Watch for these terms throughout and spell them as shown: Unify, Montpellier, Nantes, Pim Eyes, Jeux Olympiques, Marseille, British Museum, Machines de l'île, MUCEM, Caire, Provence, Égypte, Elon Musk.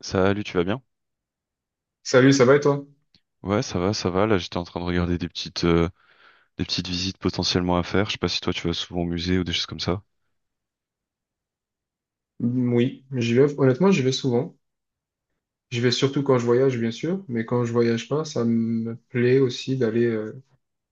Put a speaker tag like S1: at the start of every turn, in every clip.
S1: Salut, tu vas bien?
S2: Salut, ça va et toi?
S1: Ouais, ça va, ça va. Là, j'étais en train de regarder des petites visites potentiellement à faire. Je sais pas si toi, tu vas souvent au musée ou des choses comme ça.
S2: Mm, oui, j'y vais. Honnêtement, j'y vais souvent. J'y vais surtout quand je voyage, bien sûr, mais quand je voyage pas, ça me plaît aussi d'aller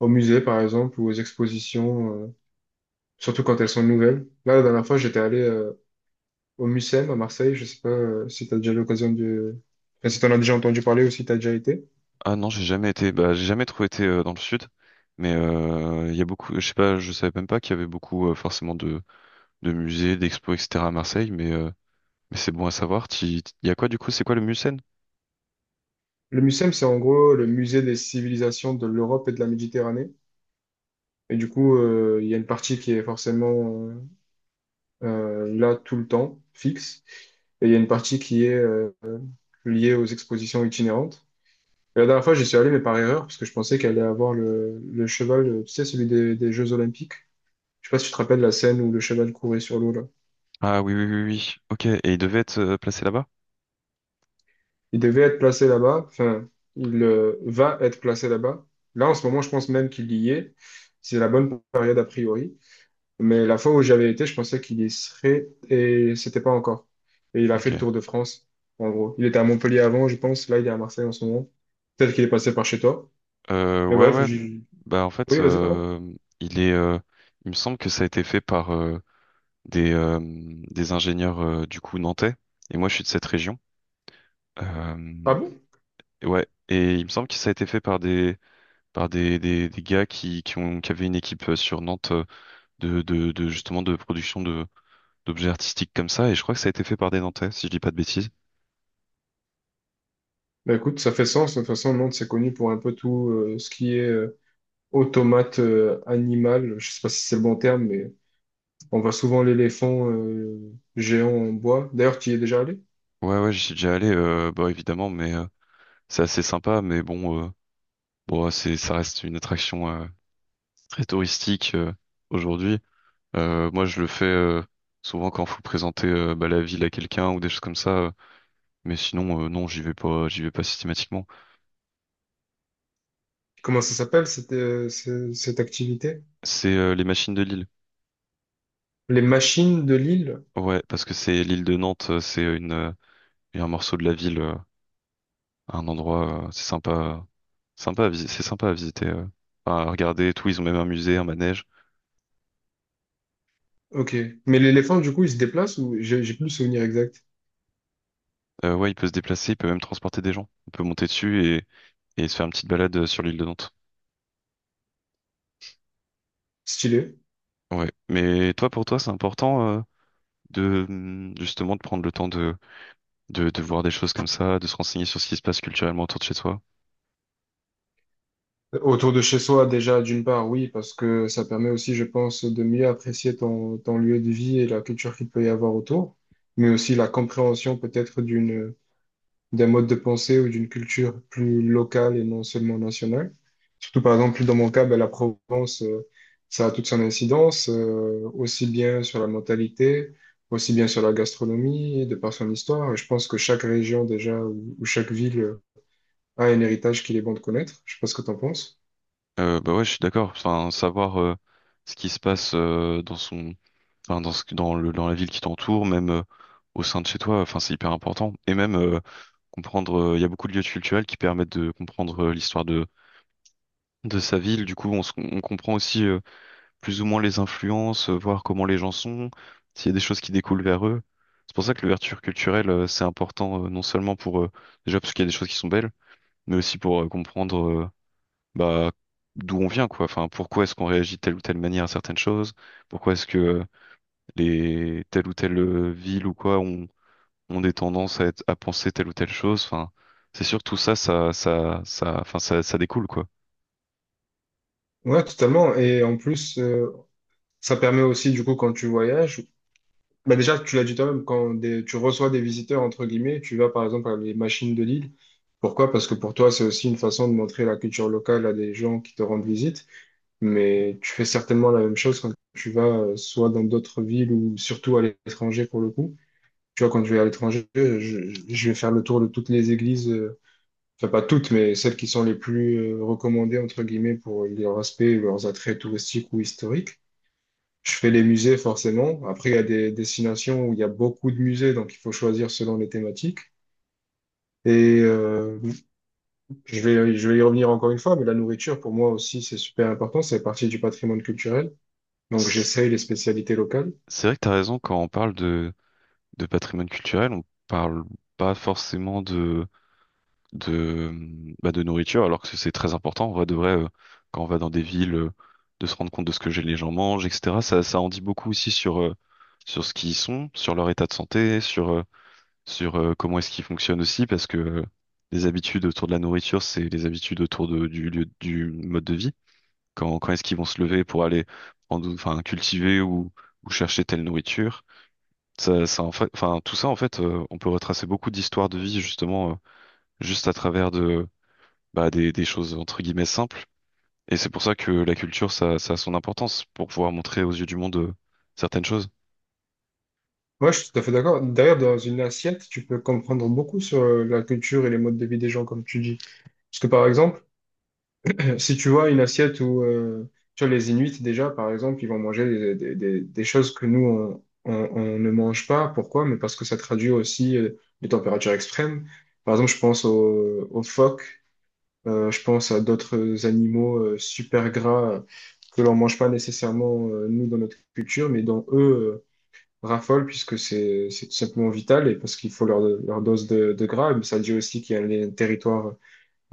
S2: au musée, par exemple, ou aux expositions, surtout quand elles sont nouvelles. Là, la dernière fois, j'étais allé au MUCEM à Marseille. Je sais pas si tu as déjà eu l'occasion de... enfin, si tu en as déjà entendu parler ou si tu as déjà été.
S1: Ah non, j'ai jamais été. Bah, j'ai jamais trop été dans le sud, mais il y a beaucoup. Je sais pas, je savais même pas qu'il y avait beaucoup forcément de musées, d'expos, etc. à Marseille. Mais c'est bon à savoir. Il y a quoi du coup? C'est quoi le musée?
S2: Le Mucem, c'est en gros le musée des civilisations de l'Europe et de la Méditerranée. Et du coup, il y a une partie qui est forcément là tout le temps, fixe. Et il y a une partie qui est liée aux expositions itinérantes. Et la dernière fois, j'y suis allé, mais par erreur, parce que je pensais qu'elle allait avoir le cheval, tu sais, celui des Jeux Olympiques. Je sais pas si tu te rappelles la scène où le cheval courait sur l'eau, là.
S1: Ah oui, oui, oui, oui. Ok. Et il devait être placé là-bas?
S2: Il devait être placé là-bas, enfin, il va être placé là-bas. Là, en ce moment, je pense même qu'il y est. C'est la bonne période, a priori. Mais la fois où j'avais été, je pensais qu'il y serait et c'était pas encore. Et il a fait le
S1: Ok.
S2: tour de France, en gros. Il était à Montpellier avant, je pense. Là, il est à Marseille en ce moment. Peut-être qu'il est passé par chez toi. Mais
S1: Ouais,
S2: bref,
S1: ouais.
S2: j'ai...
S1: Bah en fait,
S2: Oui, vas-y, pardon.
S1: il est. Il me semble que ça a été fait par des ingénieurs du coup nantais. Et moi, je suis de cette région.
S2: Ah
S1: Euh,
S2: bon?
S1: ouais. Et il me semble que ça a été fait par des des gars qui ont qui avaient une équipe sur Nantes de justement de production de d'objets artistiques comme ça, et je crois que ça a été fait par des Nantais, si je dis pas de bêtises.
S2: Bah écoute, ça fait sens. De toute façon, Nantes, c'est connu pour un peu tout ce qui est automate animal. Je sais pas si c'est le bon terme, mais on voit souvent l'éléphant géant en bois. D'ailleurs, tu y es déjà allé?
S1: Ouais, ouais, j'y suis déjà allé, bah évidemment, mais c'est assez sympa, mais bon, bon, ça reste une attraction très touristique aujourd'hui. Moi, je le fais souvent quand faut présenter bah, la ville à quelqu'un ou des choses comme ça, mais sinon, non, j'y vais pas systématiquement.
S2: Comment ça s'appelle cette, cette activité?
S1: C'est les machines de Lille.
S2: Les machines de l'île?
S1: Ouais, parce que c'est l'île de Nantes, c'est une un morceau de la ville, un endroit, c'est sympa, sympa à visiter, c'est sympa à visiter. Enfin, à regarder et tout. Ils ont même un musée, un manège.
S2: Ok. Mais l'éléphant, du coup, il se déplace ou j'ai plus le souvenir exact?
S1: Ouais, il peut se déplacer, il peut même transporter des gens. On peut monter dessus et se faire une petite balade sur l'île de Nantes.
S2: Stylé.
S1: Ouais. Mais toi, pour toi, c'est important de justement de prendre le temps de, de voir des choses comme ça, de se renseigner sur ce qui se passe culturellement autour de chez soi.
S2: Autour de chez soi, déjà, d'une part, oui, parce que ça permet aussi, je pense, de mieux apprécier ton lieu de vie et la culture qu'il peut y avoir autour, mais aussi la compréhension peut-être d'un mode de pensée ou d'une culture plus locale et non seulement nationale. Surtout, par exemple, dans mon cas, ben, la Provence, ça a toute son incidence, aussi bien sur la mentalité, aussi bien sur la gastronomie, de par son histoire. Et je pense que chaque région, déjà, ou chaque ville a un héritage qu'il est bon de connaître. Je sais pas ce que tu en penses.
S1: Bah ouais, je suis d'accord. Enfin, savoir ce qui se passe dans son enfin, dans la ville qui t'entoure, même au sein de chez toi. Enfin, c'est hyper important. Et même comprendre, il y a beaucoup de lieux culturels qui permettent de comprendre l'histoire de sa ville. Du coup, on comprend aussi plus ou moins les influences, voir comment les gens sont, s'il y a des choses qui découlent vers eux. C'est pour ça que l'ouverture culturelle, c'est important, non seulement pour, déjà parce qu'il y a des choses qui sont belles, mais aussi pour comprendre bah, d'où on vient, quoi. Enfin, pourquoi est-ce qu'on réagit de telle ou telle manière à certaines choses? Pourquoi est-ce que les telle ou telle ville ou quoi ont des tendances à, à penser telle ou telle chose. Enfin, c'est sûr que tout ça, enfin, ça découle quoi.
S2: Ouais, totalement. Et en plus, ça permet aussi, du coup, quand tu voyages, bah déjà, tu l'as dit toi-même, quand tu reçois des visiteurs, entre guillemets, tu vas par exemple à les machines de Lille. Pourquoi? Parce que pour toi, c'est aussi une façon de montrer la culture locale à des gens qui te rendent visite. Mais tu fais certainement la même chose quand tu vas soit dans d'autres villes ou surtout à l'étranger pour le coup. Tu vois, quand je vais à l'étranger, je vais faire le tour de toutes les églises, enfin pas toutes, mais celles qui sont les plus recommandées, entre guillemets, pour leur aspect, leurs attraits touristiques ou historiques. Je fais les musées forcément. Après, il y a des destinations où il y a beaucoup de musées, donc il faut choisir selon les thématiques. Et je vais y revenir encore une fois, mais la nourriture, pour moi aussi, c'est super important. C'est partie du patrimoine culturel. Donc,
S1: C'est
S2: j'essaye les spécialités locales.
S1: c'est vrai que t'as raison quand on parle de patrimoine culturel, on parle pas forcément de bah, de nourriture, alors que c'est très important. En vrai de vrai, quand on va dans des villes, de se rendre compte de ce que les gens mangent, etc. Ça en dit beaucoup aussi sur sur ce qu'ils sont, sur leur état de santé, sur comment est-ce qu'il fonctionne aussi, parce que les habitudes autour de la nourriture, c'est les habitudes du lieu, du mode de vie. Quand est-ce qu'ils vont se lever pour aller prendre, enfin, cultiver ou chercher telle nourriture. En fait, enfin, tout ça, en fait, on peut retracer beaucoup d'histoires de vie, justement, juste à travers de, bah, des choses, entre guillemets, simples. Et c'est pour ça que la culture, ça a son importance, pour pouvoir montrer aux yeux du monde certaines choses.
S2: Ouais, je suis tout à fait d'accord. D'ailleurs, dans une assiette, tu peux comprendre beaucoup sur la culture et les modes de vie des gens, comme tu dis. Parce que, par exemple, si tu vois une assiette où tu vois, les Inuits, déjà, par exemple, ils vont manger des choses que nous, on ne mange pas. Pourquoi? Mais parce que ça traduit aussi les températures extrêmes. Par exemple, je pense aux phoques, je pense à d'autres animaux super gras que l'on mange pas nécessairement, nous, dans notre culture, mais dont eux raffolent puisque c'est tout simplement vital et parce qu'il faut leur dose de gras. Mais ça dit aussi qu'il y a les territoires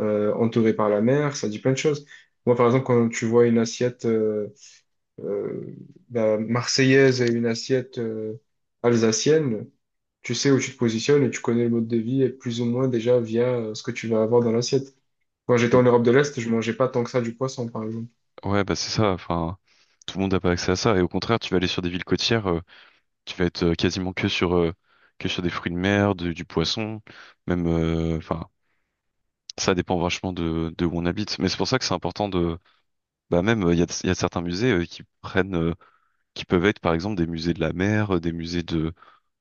S2: entouré par la mer, ça dit plein de choses. Moi, par exemple, quand tu vois une assiette euh, bah, marseillaise et une assiette alsacienne, tu sais où tu te positionnes et tu connais le mode de vie et plus ou moins déjà via ce que tu vas avoir dans l'assiette. Quand j'étais en Europe de l'Est, je mangeais pas tant que ça du poisson, par exemple.
S1: Ouais, bah c'est ça. Enfin, tout le monde n'a pas accès à ça. Et au contraire, tu vas aller sur des villes côtières. Qui va être quasiment que sur des fruits de mer, du poisson, même enfin ça dépend vachement de où on habite. Mais c'est pour ça que c'est important de bah même il y a, il y a certains musées qui prennent qui peuvent être par exemple des musées de la mer, des musées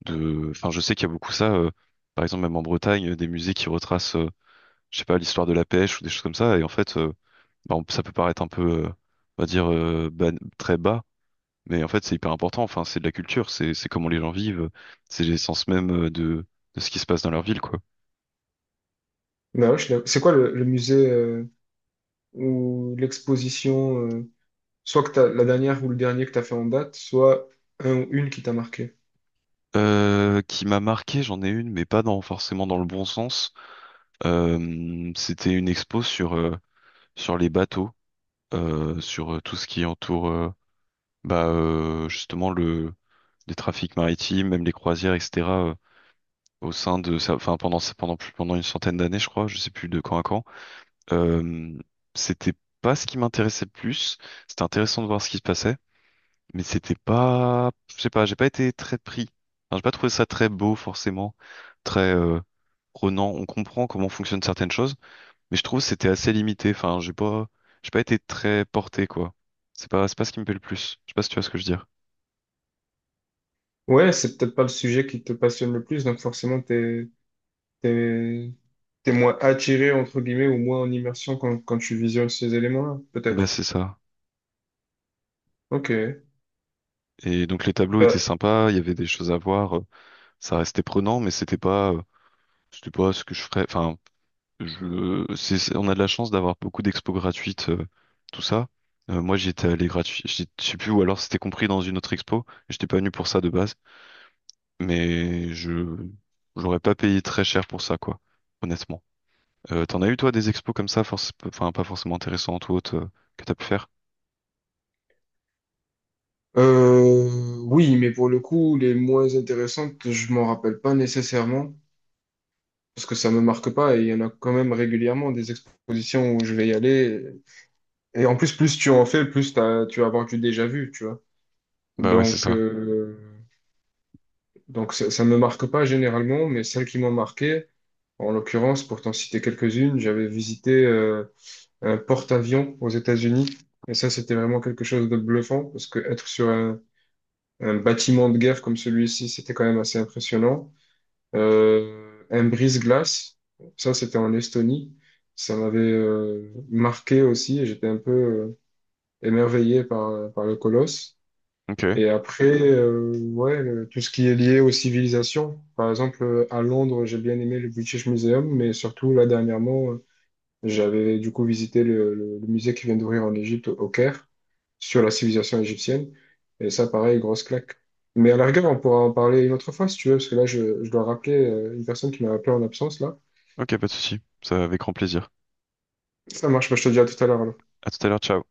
S1: de enfin je sais qu'il y a beaucoup ça par exemple même en Bretagne des musées qui retracent je sais pas l'histoire de la pêche ou des choses comme ça et en fait bah, ça peut paraître un peu on va dire très bas mais en fait, c'est hyper important. Enfin, c'est de la culture, c'est comment les gens vivent, c'est l'essence même de ce qui se passe dans leur ville, quoi.
S2: Mais ouais, je suis d'accord. C'est quoi le musée ou l'exposition, soit que t'as, la dernière ou le dernier que tu as fait en date, soit un ou une qui t'a marqué?
S1: Qui m'a marqué, j'en ai une, mais pas dans forcément dans le bon sens. C'était une expo sur sur les bateaux, sur tout ce qui entoure bah justement le les trafics maritimes, même les croisières, etc. Au sein de ça, enfin pendant une centaine d'années, je crois, je sais plus de quand à quand. Euh, C'était pas ce qui m'intéressait le plus. C'était intéressant de voir ce qui se passait. Mais c'était pas, je sais pas, j'ai pas été très pris. Enfin, j'ai pas trouvé ça très beau forcément, très prenant. On comprend comment fonctionnent certaines choses, mais je trouve que c'était assez limité. Enfin, j'ai pas été très porté quoi. C'est pas ce qui me plaît le plus. Je sais pas si tu vois ce que je veux dire.
S2: Ouais, c'est peut-être pas le sujet qui te passionne le plus, donc forcément, T'es, t'es moins attiré, entre guillemets, ou moins en immersion quand tu visionnes ces éléments-là, peut-être.
S1: Bah c'est ça.
S2: Ok.
S1: Et donc les tableaux étaient
S2: Bah,
S1: sympas, il y avait des choses à voir, ça restait prenant, mais c'était pas ce que je ferais. Enfin, on a de la chance d'avoir beaucoup d'expos gratuites, tout ça. Moi, j'y étais allé gratuit, je sais plus, ou alors c'était compris dans une autre expo. J'étais pas venu pour ça de base, mais je, j'aurais pas payé très cher pour ça, quoi, honnêtement. T'en as eu, toi, des expos comme ça, enfin, pas forcément intéressantes ou autres, que t'as pu faire?
S2: euh, oui, mais pour le coup, les moins intéressantes, je m'en rappelle pas nécessairement, parce que ça me marque pas, et il y en a quand même régulièrement des expositions où je vais y aller. Et en plus, plus tu en fais, tu vas avoir du déjà vu, tu vois.
S1: Bah ouais, c'est
S2: Donc,
S1: ça.
S2: donc ça, ça me marque pas généralement, mais celles qui m'ont marqué, en l'occurrence, pour t'en citer quelques-unes, j'avais visité... un porte-avions aux États-Unis. Et ça, c'était vraiment quelque chose de bluffant parce que être un bâtiment de guerre comme celui-ci, c'était quand même assez impressionnant. Un brise-glace, ça, c'était en Estonie. Ça m'avait marqué aussi et j'étais un peu émerveillé par le colosse.
S1: Ok,
S2: Et après, ouais, tout ce qui est lié aux civilisations. Par exemple, à Londres, j'ai bien aimé le British Museum, mais surtout, là, dernièrement, j'avais du coup visité le musée qui vient d'ouvrir en Égypte, au Caire, sur la civilisation égyptienne. Et ça, pareil, grosse claque. Mais à la rigueur, on pourra en parler une autre fois si tu veux, parce que là, je dois rappeler une personne qui m'a appelé en absence, là.
S1: ok, pas de souci. Ça, avec grand plaisir.
S2: Ça marche, bah, je te dis à tout à l'heure.
S1: À tout à l'heure, ciao.